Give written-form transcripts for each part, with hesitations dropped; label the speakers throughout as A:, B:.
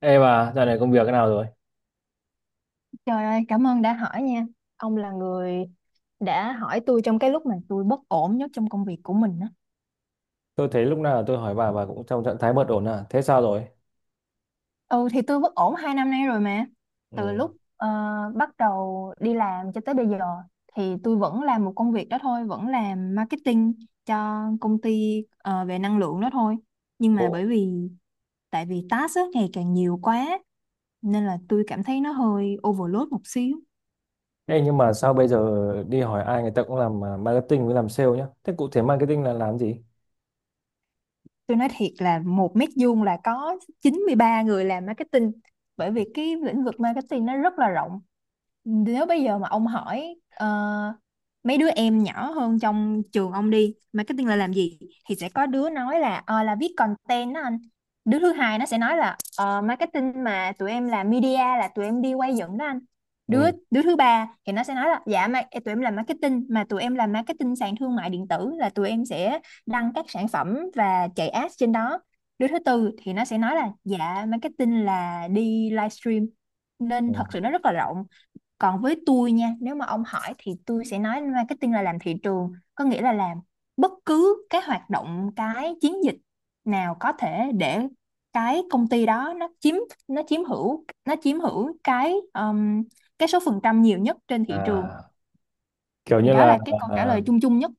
A: Ê bà, dạo này công việc thế nào rồi?
B: Trời ơi, cảm ơn đã hỏi nha. Ông là người đã hỏi tôi trong cái lúc mà tôi bất ổn nhất trong công việc của mình á.
A: Tôi thấy lúc nào tôi hỏi bà cũng trong trạng thái bất ổn à? Thế sao rồi?
B: Ừ thì tôi bất ổn 2 năm nay rồi mà. Từ
A: Ừ.
B: lúc ờ, bắt đầu đi làm cho tới bây giờ thì tôi vẫn làm một công việc đó thôi, vẫn làm marketing cho công ty về năng lượng đó thôi. Nhưng
A: Ồ.
B: mà bởi vì tại vì task á, ngày càng nhiều quá nên là tôi cảm thấy nó hơi overload một xíu.
A: Ê, nhưng mà sao bây giờ đi hỏi ai người ta cũng làm à, marketing với làm sale nhá. Thế cụ thể marketing là làm gì?
B: Tôi nói thiệt là một mét vuông là có 93 người làm marketing, bởi vì cái lĩnh vực marketing nó rất là rộng. Nếu bây giờ mà ông hỏi mấy đứa em nhỏ hơn trong trường ông đi, marketing là làm gì, thì sẽ có đứa nói là là viết content đó anh. Đứa thứ hai nó sẽ nói là marketing mà tụi em làm media là tụi em đi quay dựng đó anh.
A: Ừ.
B: Đứa đứa thứ ba thì nó sẽ nói là dạ mà tụi em làm marketing mà tụi em làm marketing sàn thương mại điện tử, là tụi em sẽ đăng các sản phẩm và chạy ads trên đó. Đứa thứ tư thì nó sẽ nói là dạ marketing là đi livestream,
A: Ừ.
B: nên thật sự nó rất là rộng. Còn với tôi nha, nếu mà ông hỏi thì tôi sẽ nói marketing là làm thị trường, có nghĩa là làm bất cứ cái hoạt động, cái chiến dịch nào có thể để cái công ty đó nó chiếm hữu cái số phần trăm nhiều nhất trên thị trường.
A: À, kiểu
B: Thì
A: như
B: đó
A: là
B: là cái câu trả lời chung chung nhất.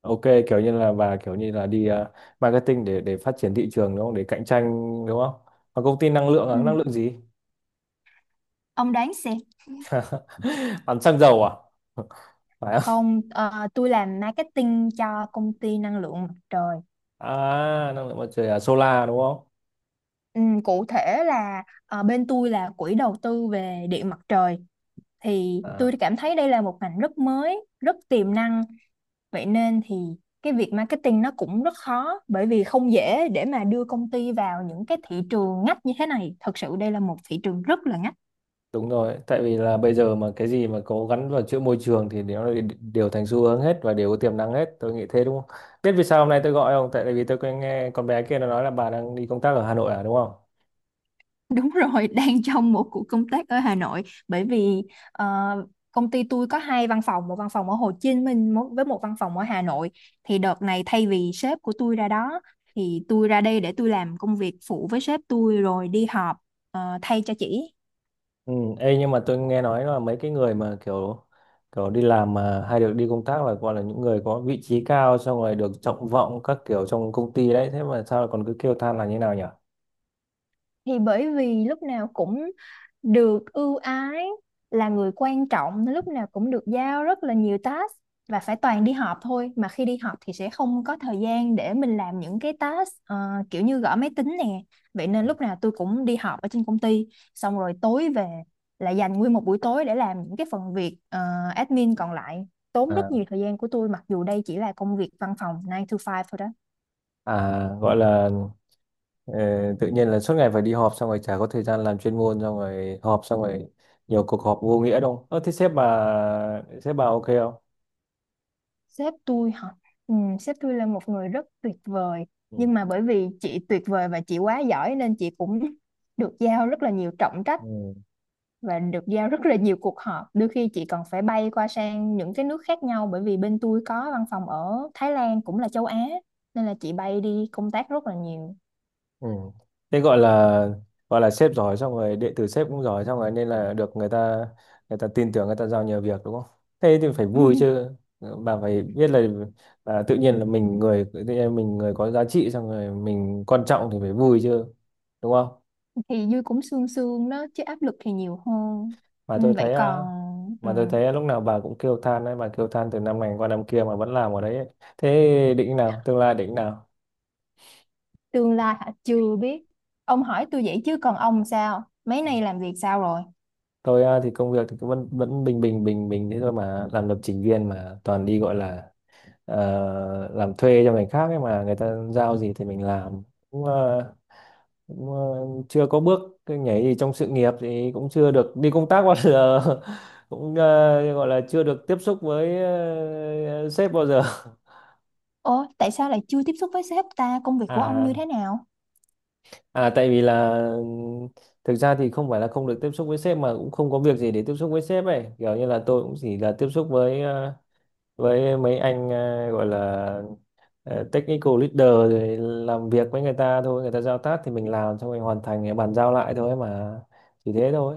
A: ok, kiểu như là bà kiểu như là đi à, marketing để phát triển thị trường đúng không? Để cạnh tranh đúng không? Và công ty năng lượng à?
B: Ừ.
A: Năng lượng gì?
B: Ông đoán xem.
A: Bán xăng dầu à? Phải không?
B: Không, tôi làm marketing cho công ty năng lượng mặt trời.
A: À, năng lượng mặt trời à? Solar đúng không?
B: Ừ, cụ thể là bên tôi là quỹ đầu tư về điện mặt trời. Thì tôi
A: À.
B: cảm thấy đây là một ngành rất mới, rất tiềm năng. Vậy nên thì cái việc marketing nó cũng rất khó, bởi vì không dễ để mà đưa công ty vào những cái thị trường ngách như thế này. Thật sự đây là một thị trường rất là ngách.
A: Đúng rồi, tại vì là bây giờ mà cái gì mà có gắn vào chữ môi trường thì nó lại đều thành xu hướng hết và đều có tiềm năng hết, tôi nghĩ thế đúng không? Biết vì sao hôm nay tôi gọi không? Tại vì tôi có nghe con bé kia nó nói là bà đang đi công tác ở Hà Nội à đúng không?
B: Đúng rồi, đang trong một cuộc công tác ở Hà Nội bởi vì ờ, công ty tôi có hai văn phòng, một văn phòng ở Hồ Chí Minh với một văn phòng ở Hà Nội. Thì đợt này thay vì sếp của tôi ra đó thì tôi ra đây để tôi làm công việc phụ với sếp tôi rồi đi họp thay cho chị.
A: Ừ, ê, nhưng mà tôi nghe nói là mấy cái người mà kiểu kiểu đi làm mà hay được đi công tác là gọi là những người có vị trí cao xong rồi được trọng vọng các kiểu trong công ty đấy, thế mà sao lại còn cứ kêu than là như nào nhỉ?
B: Thì bởi vì lúc nào cũng được ưu ái, là người quan trọng, lúc nào cũng được giao rất là nhiều task, và phải toàn đi họp thôi, mà khi đi họp thì sẽ không có thời gian để mình làm những cái task kiểu như gõ máy tính nè. Vậy nên lúc nào tôi cũng đi họp ở trên công ty, xong rồi tối về là dành nguyên một buổi tối để làm những cái phần việc admin còn lại, tốn
A: À.
B: rất nhiều thời gian của tôi, mặc dù đây chỉ là công việc văn phòng nine to five thôi đó.
A: À gọi là, ờ, tự nhiên là suốt ngày phải đi họp xong rồi chả có thời gian làm chuyên môn xong rồi họp xong rồi nhiều cuộc họp vô nghĩa đâu. Ơ thế sếp bà ok không?
B: Sếp tôi hả? Ừ, sếp tôi là một người rất tuyệt vời.
A: Ừ.
B: Nhưng mà bởi vì chị tuyệt vời và chị quá giỏi nên chị cũng được giao rất là nhiều trọng trách
A: Ừ.
B: và được giao rất là nhiều cuộc họp. Đôi khi chị còn phải bay qua sang những cái nước khác nhau, bởi vì bên tôi có văn phòng ở Thái Lan, cũng là châu Á, nên là chị bay đi công tác rất là nhiều.
A: Ừ. Thế gọi là sếp giỏi xong rồi đệ tử sếp cũng giỏi xong rồi nên là được người ta tin tưởng người ta giao nhiều việc đúng không? Thế thì phải vui chứ. Bà phải biết là tự nhiên là mình người tự nhiên mình người có giá trị xong rồi mình quan trọng thì phải vui chứ. Đúng không?
B: Thì vui cũng sương sương đó chứ áp lực thì nhiều hơn.
A: mà
B: Ừ,
A: tôi
B: vậy
A: thấy à,
B: còn ừ.
A: mà tôi thấy lúc nào bà cũng kêu than đấy bà kêu than từ năm này qua năm kia mà vẫn làm ở đấy ấy. Thế định nào tương lai định nào?
B: Tương lai hả? Chưa biết. Ông hỏi tôi vậy chứ còn ông sao? Mấy nay làm việc sao rồi?
A: Tôi à, thì công việc thì cứ vẫn vẫn bình bình thế thôi mà làm lập trình viên mà toàn đi gọi là làm thuê cho người khác ấy mà người ta giao gì thì mình làm cũng, chưa có bước cái nhảy gì trong sự nghiệp thì cũng chưa được đi công tác bao giờ cũng gọi là chưa được tiếp xúc với ờ, sếp bao giờ
B: Ồ, tại sao lại chưa tiếp xúc với sếp ta? Công việc của ông như
A: à
B: thế nào?
A: À tại vì là thực ra thì không phải là không được tiếp xúc với sếp mà cũng không có việc gì để tiếp xúc với sếp ấy. Kiểu như là tôi cũng chỉ là tiếp xúc với với mấy anh gọi là technical leader rồi làm việc với người ta thôi, người ta giao task thì mình làm xong mình hoàn thành bàn giao lại thôi mà. Chỉ thế thôi.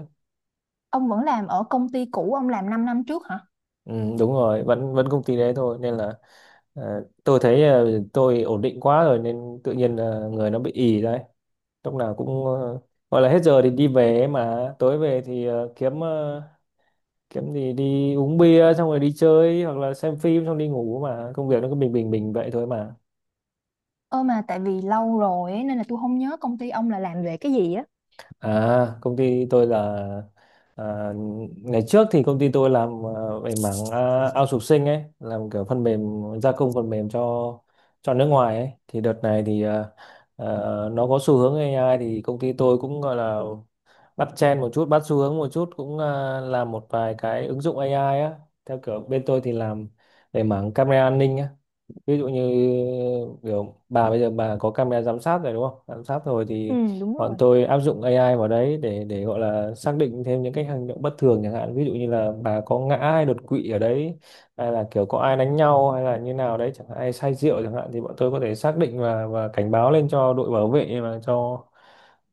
B: Ông vẫn làm ở công ty cũ ông làm 5 năm trước hả?
A: Ừ, đúng rồi, vẫn vẫn công ty đấy thôi nên là tôi thấy tôi ổn định quá rồi nên tự nhiên là người nó bị ì đấy. Lúc nào cũng gọi là hết giờ thì đi về ấy mà tối về thì kiếm kiếm gì đi uống bia xong rồi đi chơi hoặc là xem phim xong đi ngủ mà công việc nó cứ bình bình bình vậy thôi mà.
B: Ơ mà tại vì lâu rồi ấy, nên là tôi không nhớ công ty ông là làm về cái gì á.
A: Công ty tôi là, à, ngày trước thì công ty tôi làm về mảng outsourcing ấy, làm kiểu phần mềm gia công phần mềm cho nước ngoài ấy, thì đợt này thì à, nó có xu hướng AI thì công ty tôi cũng gọi là bắt trend một chút bắt xu hướng một chút cũng làm một vài cái ứng dụng AI á, theo kiểu bên tôi thì làm về mảng camera an ninh á, ví dụ như kiểu bà bây giờ bà có camera giám sát rồi đúng không, giám sát rồi
B: Ừ,
A: thì
B: đúng
A: bọn
B: rồi.
A: tôi áp dụng AI vào đấy để gọi là xác định thêm những cái hành động bất thường chẳng hạn ví dụ như là bà có ngã hay đột quỵ ở đấy hay là kiểu có ai đánh nhau hay là như nào đấy chẳng hạn, ai say rượu chẳng hạn, thì bọn tôi có thể xác định và cảnh báo lên cho đội bảo vệ và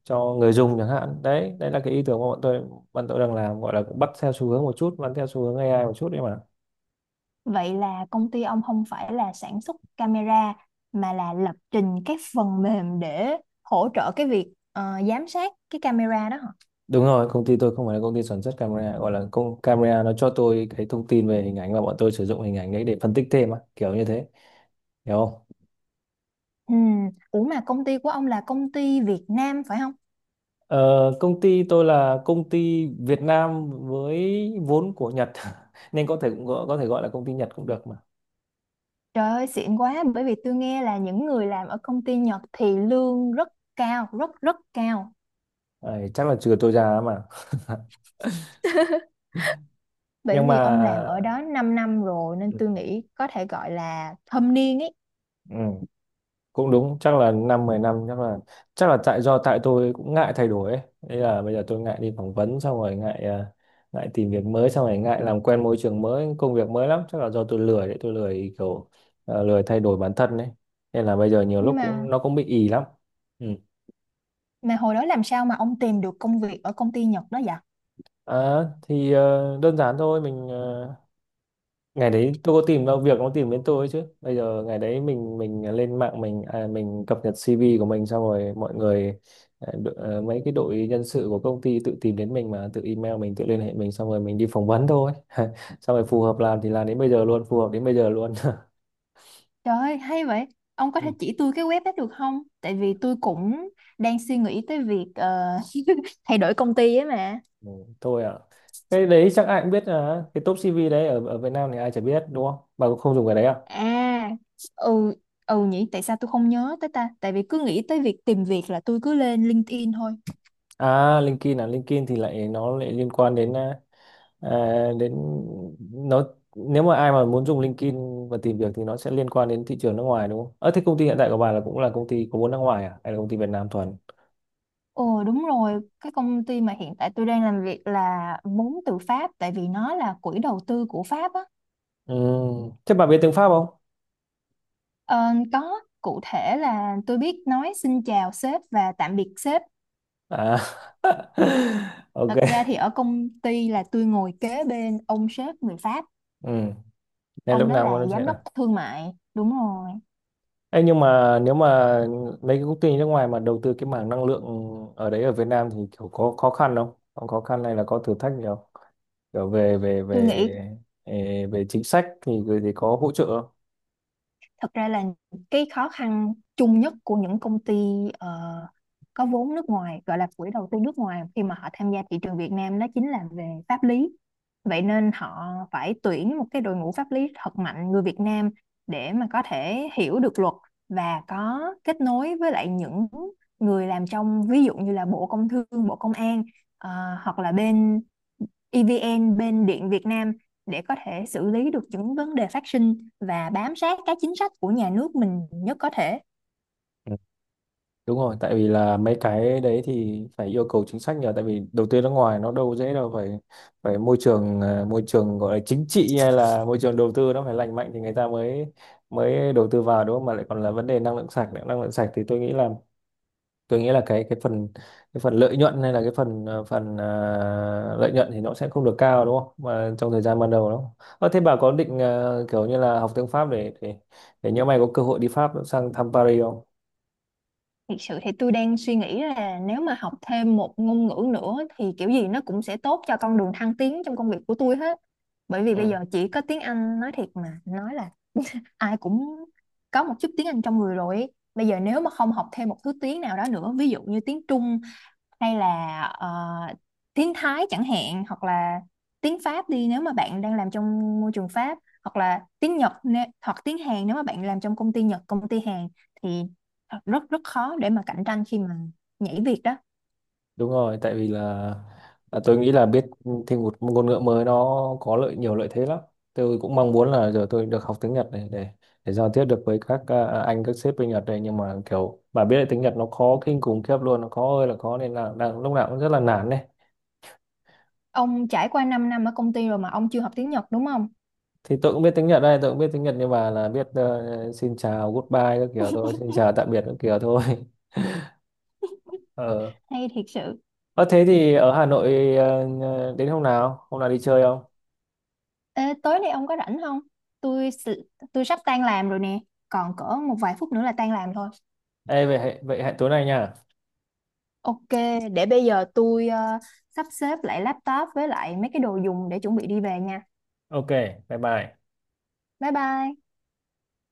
A: cho người dùng chẳng hạn đấy. Đấy là cái ý tưởng mà bọn tôi đang làm, gọi là cũng bắt theo xu hướng một chút bắt theo xu hướng AI một chút đấy mà.
B: Vậy là công ty ông không phải là sản xuất camera, mà là lập trình các phần mềm để hỗ trợ cái việc giám sát cái camera đó hả?
A: Đúng rồi, công ty tôi không phải là công ty sản xuất camera, gọi là công camera nó cho tôi cái thông tin về hình ảnh và bọn tôi sử dụng hình ảnh đấy để phân tích thêm á, kiểu như thế, hiểu không?
B: Ừ, ủa mà công ty của ông là công ty Việt Nam phải không?
A: Ờ, công ty tôi là công ty Việt Nam với vốn của Nhật nên có thể cũng có thể gọi là công ty Nhật cũng được mà.
B: Trời ơi, xịn quá, bởi vì tôi nghe là những người làm ở công ty Nhật thì lương rất cao, rất rất cao.
A: Đấy, chắc là trừ tôi ra mà.
B: Bởi
A: Nhưng
B: vì
A: mà
B: ông làm ở đó 5 năm rồi nên tôi nghĩ có thể gọi là thâm niên ấy.
A: ừ, cũng đúng chắc là năm mười năm chắc là tại do tại tôi cũng ngại thay đổi ấy. Thế là bây giờ tôi ngại đi phỏng vấn xong rồi ngại ngại tìm việc mới xong rồi ngại làm quen môi trường mới công việc mới lắm, chắc là do tôi lười đấy, tôi lười kiểu lười thay đổi bản thân đấy nên là bây giờ nhiều lúc
B: Nhưng mà
A: cũng nó cũng bị ì lắm. Ừ.
B: mà hồi đó làm sao mà ông tìm được công việc ở công ty Nhật đó vậy?
A: Thì đơn giản thôi, mình ngày đấy tôi có tìm đâu việc nó tìm đến tôi ấy chứ, bây giờ ngày đấy mình lên mạng mình mình cập nhật CV của mình xong rồi mọi người mấy cái đội nhân sự của công ty tự tìm đến mình mà tự email mình tự liên hệ mình xong rồi mình đi phỏng vấn thôi xong rồi phù hợp làm thì làm đến bây giờ luôn, phù hợp đến bây giờ luôn
B: Trời ơi, hay vậy. Ông có thể
A: Ừ,
B: chỉ tôi cái web đó được không? Tại vì tôi cũng đang suy nghĩ tới việc thay đổi công ty ấy mà.
A: ừ, thôi ạ, cái đấy chắc ai cũng biết, à, cái top CV đấy ở ở Việt Nam thì ai chả biết đúng không, bà cũng không dùng cái đấy à?
B: À, ừ, ừ nhỉ, tại sao tôi không nhớ tới ta? Tại vì cứ nghĩ tới việc tìm việc là tôi cứ lên LinkedIn thôi.
A: LinkedIn, à, LinkedIn thì lại nó lại liên quan đến À, đến nó, nếu mà ai mà muốn dùng LinkedIn và tìm việc thì nó sẽ liên quan đến thị trường nước ngoài đúng không? Ờ thế công ty hiện tại của bà là cũng là công ty có vốn nước ngoài à hay là công ty Việt Nam thuần?
B: Ồ đúng rồi, cái công ty mà hiện tại tôi đang làm việc là vốn từ Pháp, tại vì nó là quỹ đầu tư của Pháp á.
A: Ừ. Thế bà biết tiếng Pháp không?
B: Ờ, có, cụ thể là tôi biết nói xin chào sếp và tạm biệt sếp.
A: À. Ok.
B: Thật ra thì ở công ty là tôi ngồi kế bên ông sếp người Pháp,
A: Ừ. Nên
B: ông
A: lúc
B: đó
A: nào mà
B: là
A: nó sẽ
B: giám đốc
A: là.
B: thương mại. Đúng rồi.
A: Ê, nhưng mà nếu mà mấy cái công ty nước ngoài mà đầu tư cái mảng năng lượng ở đấy ở Việt Nam thì kiểu có khó khăn không? Có khó khăn hay là có thử thách gì không? Kiểu về về
B: Tôi
A: về
B: nghĩ
A: về, về chính sách thì có hỗ trợ không?
B: thật ra là cái khó khăn chung nhất của những công ty ờ, có vốn nước ngoài, gọi là quỹ đầu tư nước ngoài khi mà họ tham gia thị trường Việt Nam, đó chính là về pháp lý. Vậy nên họ phải tuyển một cái đội ngũ pháp lý thật mạnh người Việt Nam để mà có thể hiểu được luật và có kết nối với lại những người làm trong, ví dụ như là Bộ Công Thương, Bộ Công an, ờ, hoặc là bên EVN, bên Điện Việt Nam, để có thể xử lý được những vấn đề phát sinh và bám sát các chính sách của nhà nước mình nhất có thể.
A: Đúng rồi, tại vì là mấy cái đấy thì phải yêu cầu chính sách nhờ, tại vì đầu tư nước ngoài nó đâu dễ đâu, phải phải môi trường môi trường gọi là chính trị hay là môi trường đầu tư nó phải lành mạnh thì người ta mới mới đầu tư vào đúng không? Mà lại còn là vấn đề năng lượng sạch nữa, năng lượng sạch thì tôi nghĩ là cái phần lợi nhuận hay là cái phần phần lợi nhuận thì nó sẽ không được cao đúng không? Mà trong thời gian ban đầu đó. Ờ, thế bà có định kiểu như là học tiếng Pháp để nhỡ mày có cơ hội đi Pháp sang thăm Paris không?
B: Thực sự thì tôi đang suy nghĩ là nếu mà học thêm một ngôn ngữ nữa thì kiểu gì nó cũng sẽ tốt cho con đường thăng tiến trong công việc của tôi hết. Bởi vì
A: Ừ.
B: bây giờ chỉ có tiếng Anh, nói thiệt mà nói là ai cũng có một chút tiếng Anh trong người rồi. Bây giờ nếu mà không học thêm một thứ tiếng nào đó nữa, ví dụ như tiếng Trung, hay là tiếng Thái chẳng hạn, hoặc là tiếng Pháp đi, nếu mà bạn đang làm trong môi trường Pháp, hoặc là tiếng Nhật nè- hoặc tiếng Hàn nếu mà bạn làm trong công ty Nhật, công ty Hàn, thì rất rất khó để mà cạnh tranh khi mà nhảy việc đó.
A: Đúng rồi, tại vì là tôi nghĩ là biết thêm một ngôn ngữ mới nó có lợi, nhiều lợi thế lắm. Tôi cũng mong muốn là giờ tôi được học tiếng Nhật này để giao tiếp được với các anh các sếp bên Nhật này nhưng mà kiểu bà biết là tiếng Nhật nó khó kinh khủng khiếp luôn, nó khó ơi là khó nên là đang lúc nào cũng rất là nản này.
B: Ông trải qua 5 năm ở công ty rồi mà ông chưa học tiếng Nhật đúng không?
A: Thì tôi cũng biết tiếng Nhật đây, tôi cũng biết tiếng Nhật nhưng mà là biết xin chào, goodbye các kiểu thôi, xin chào tạm biệt các kiểu thôi. Ờ.
B: Hay thiệt sự.
A: Ờ thế thì ở Hà Nội đến hôm nào? Hôm nào đi chơi không?
B: Ê, tối nay ông có rảnh không? tôi s- tôi sắp tan làm rồi nè, còn cỡ một vài phút nữa là tan làm thôi.
A: Ê vậy hẹn tối nay nha.
B: Ok, để bây giờ tôi sắp xếp lại laptop với lại mấy cái đồ dùng để chuẩn bị đi về nha.
A: Ok, bye bye.
B: Bye bye.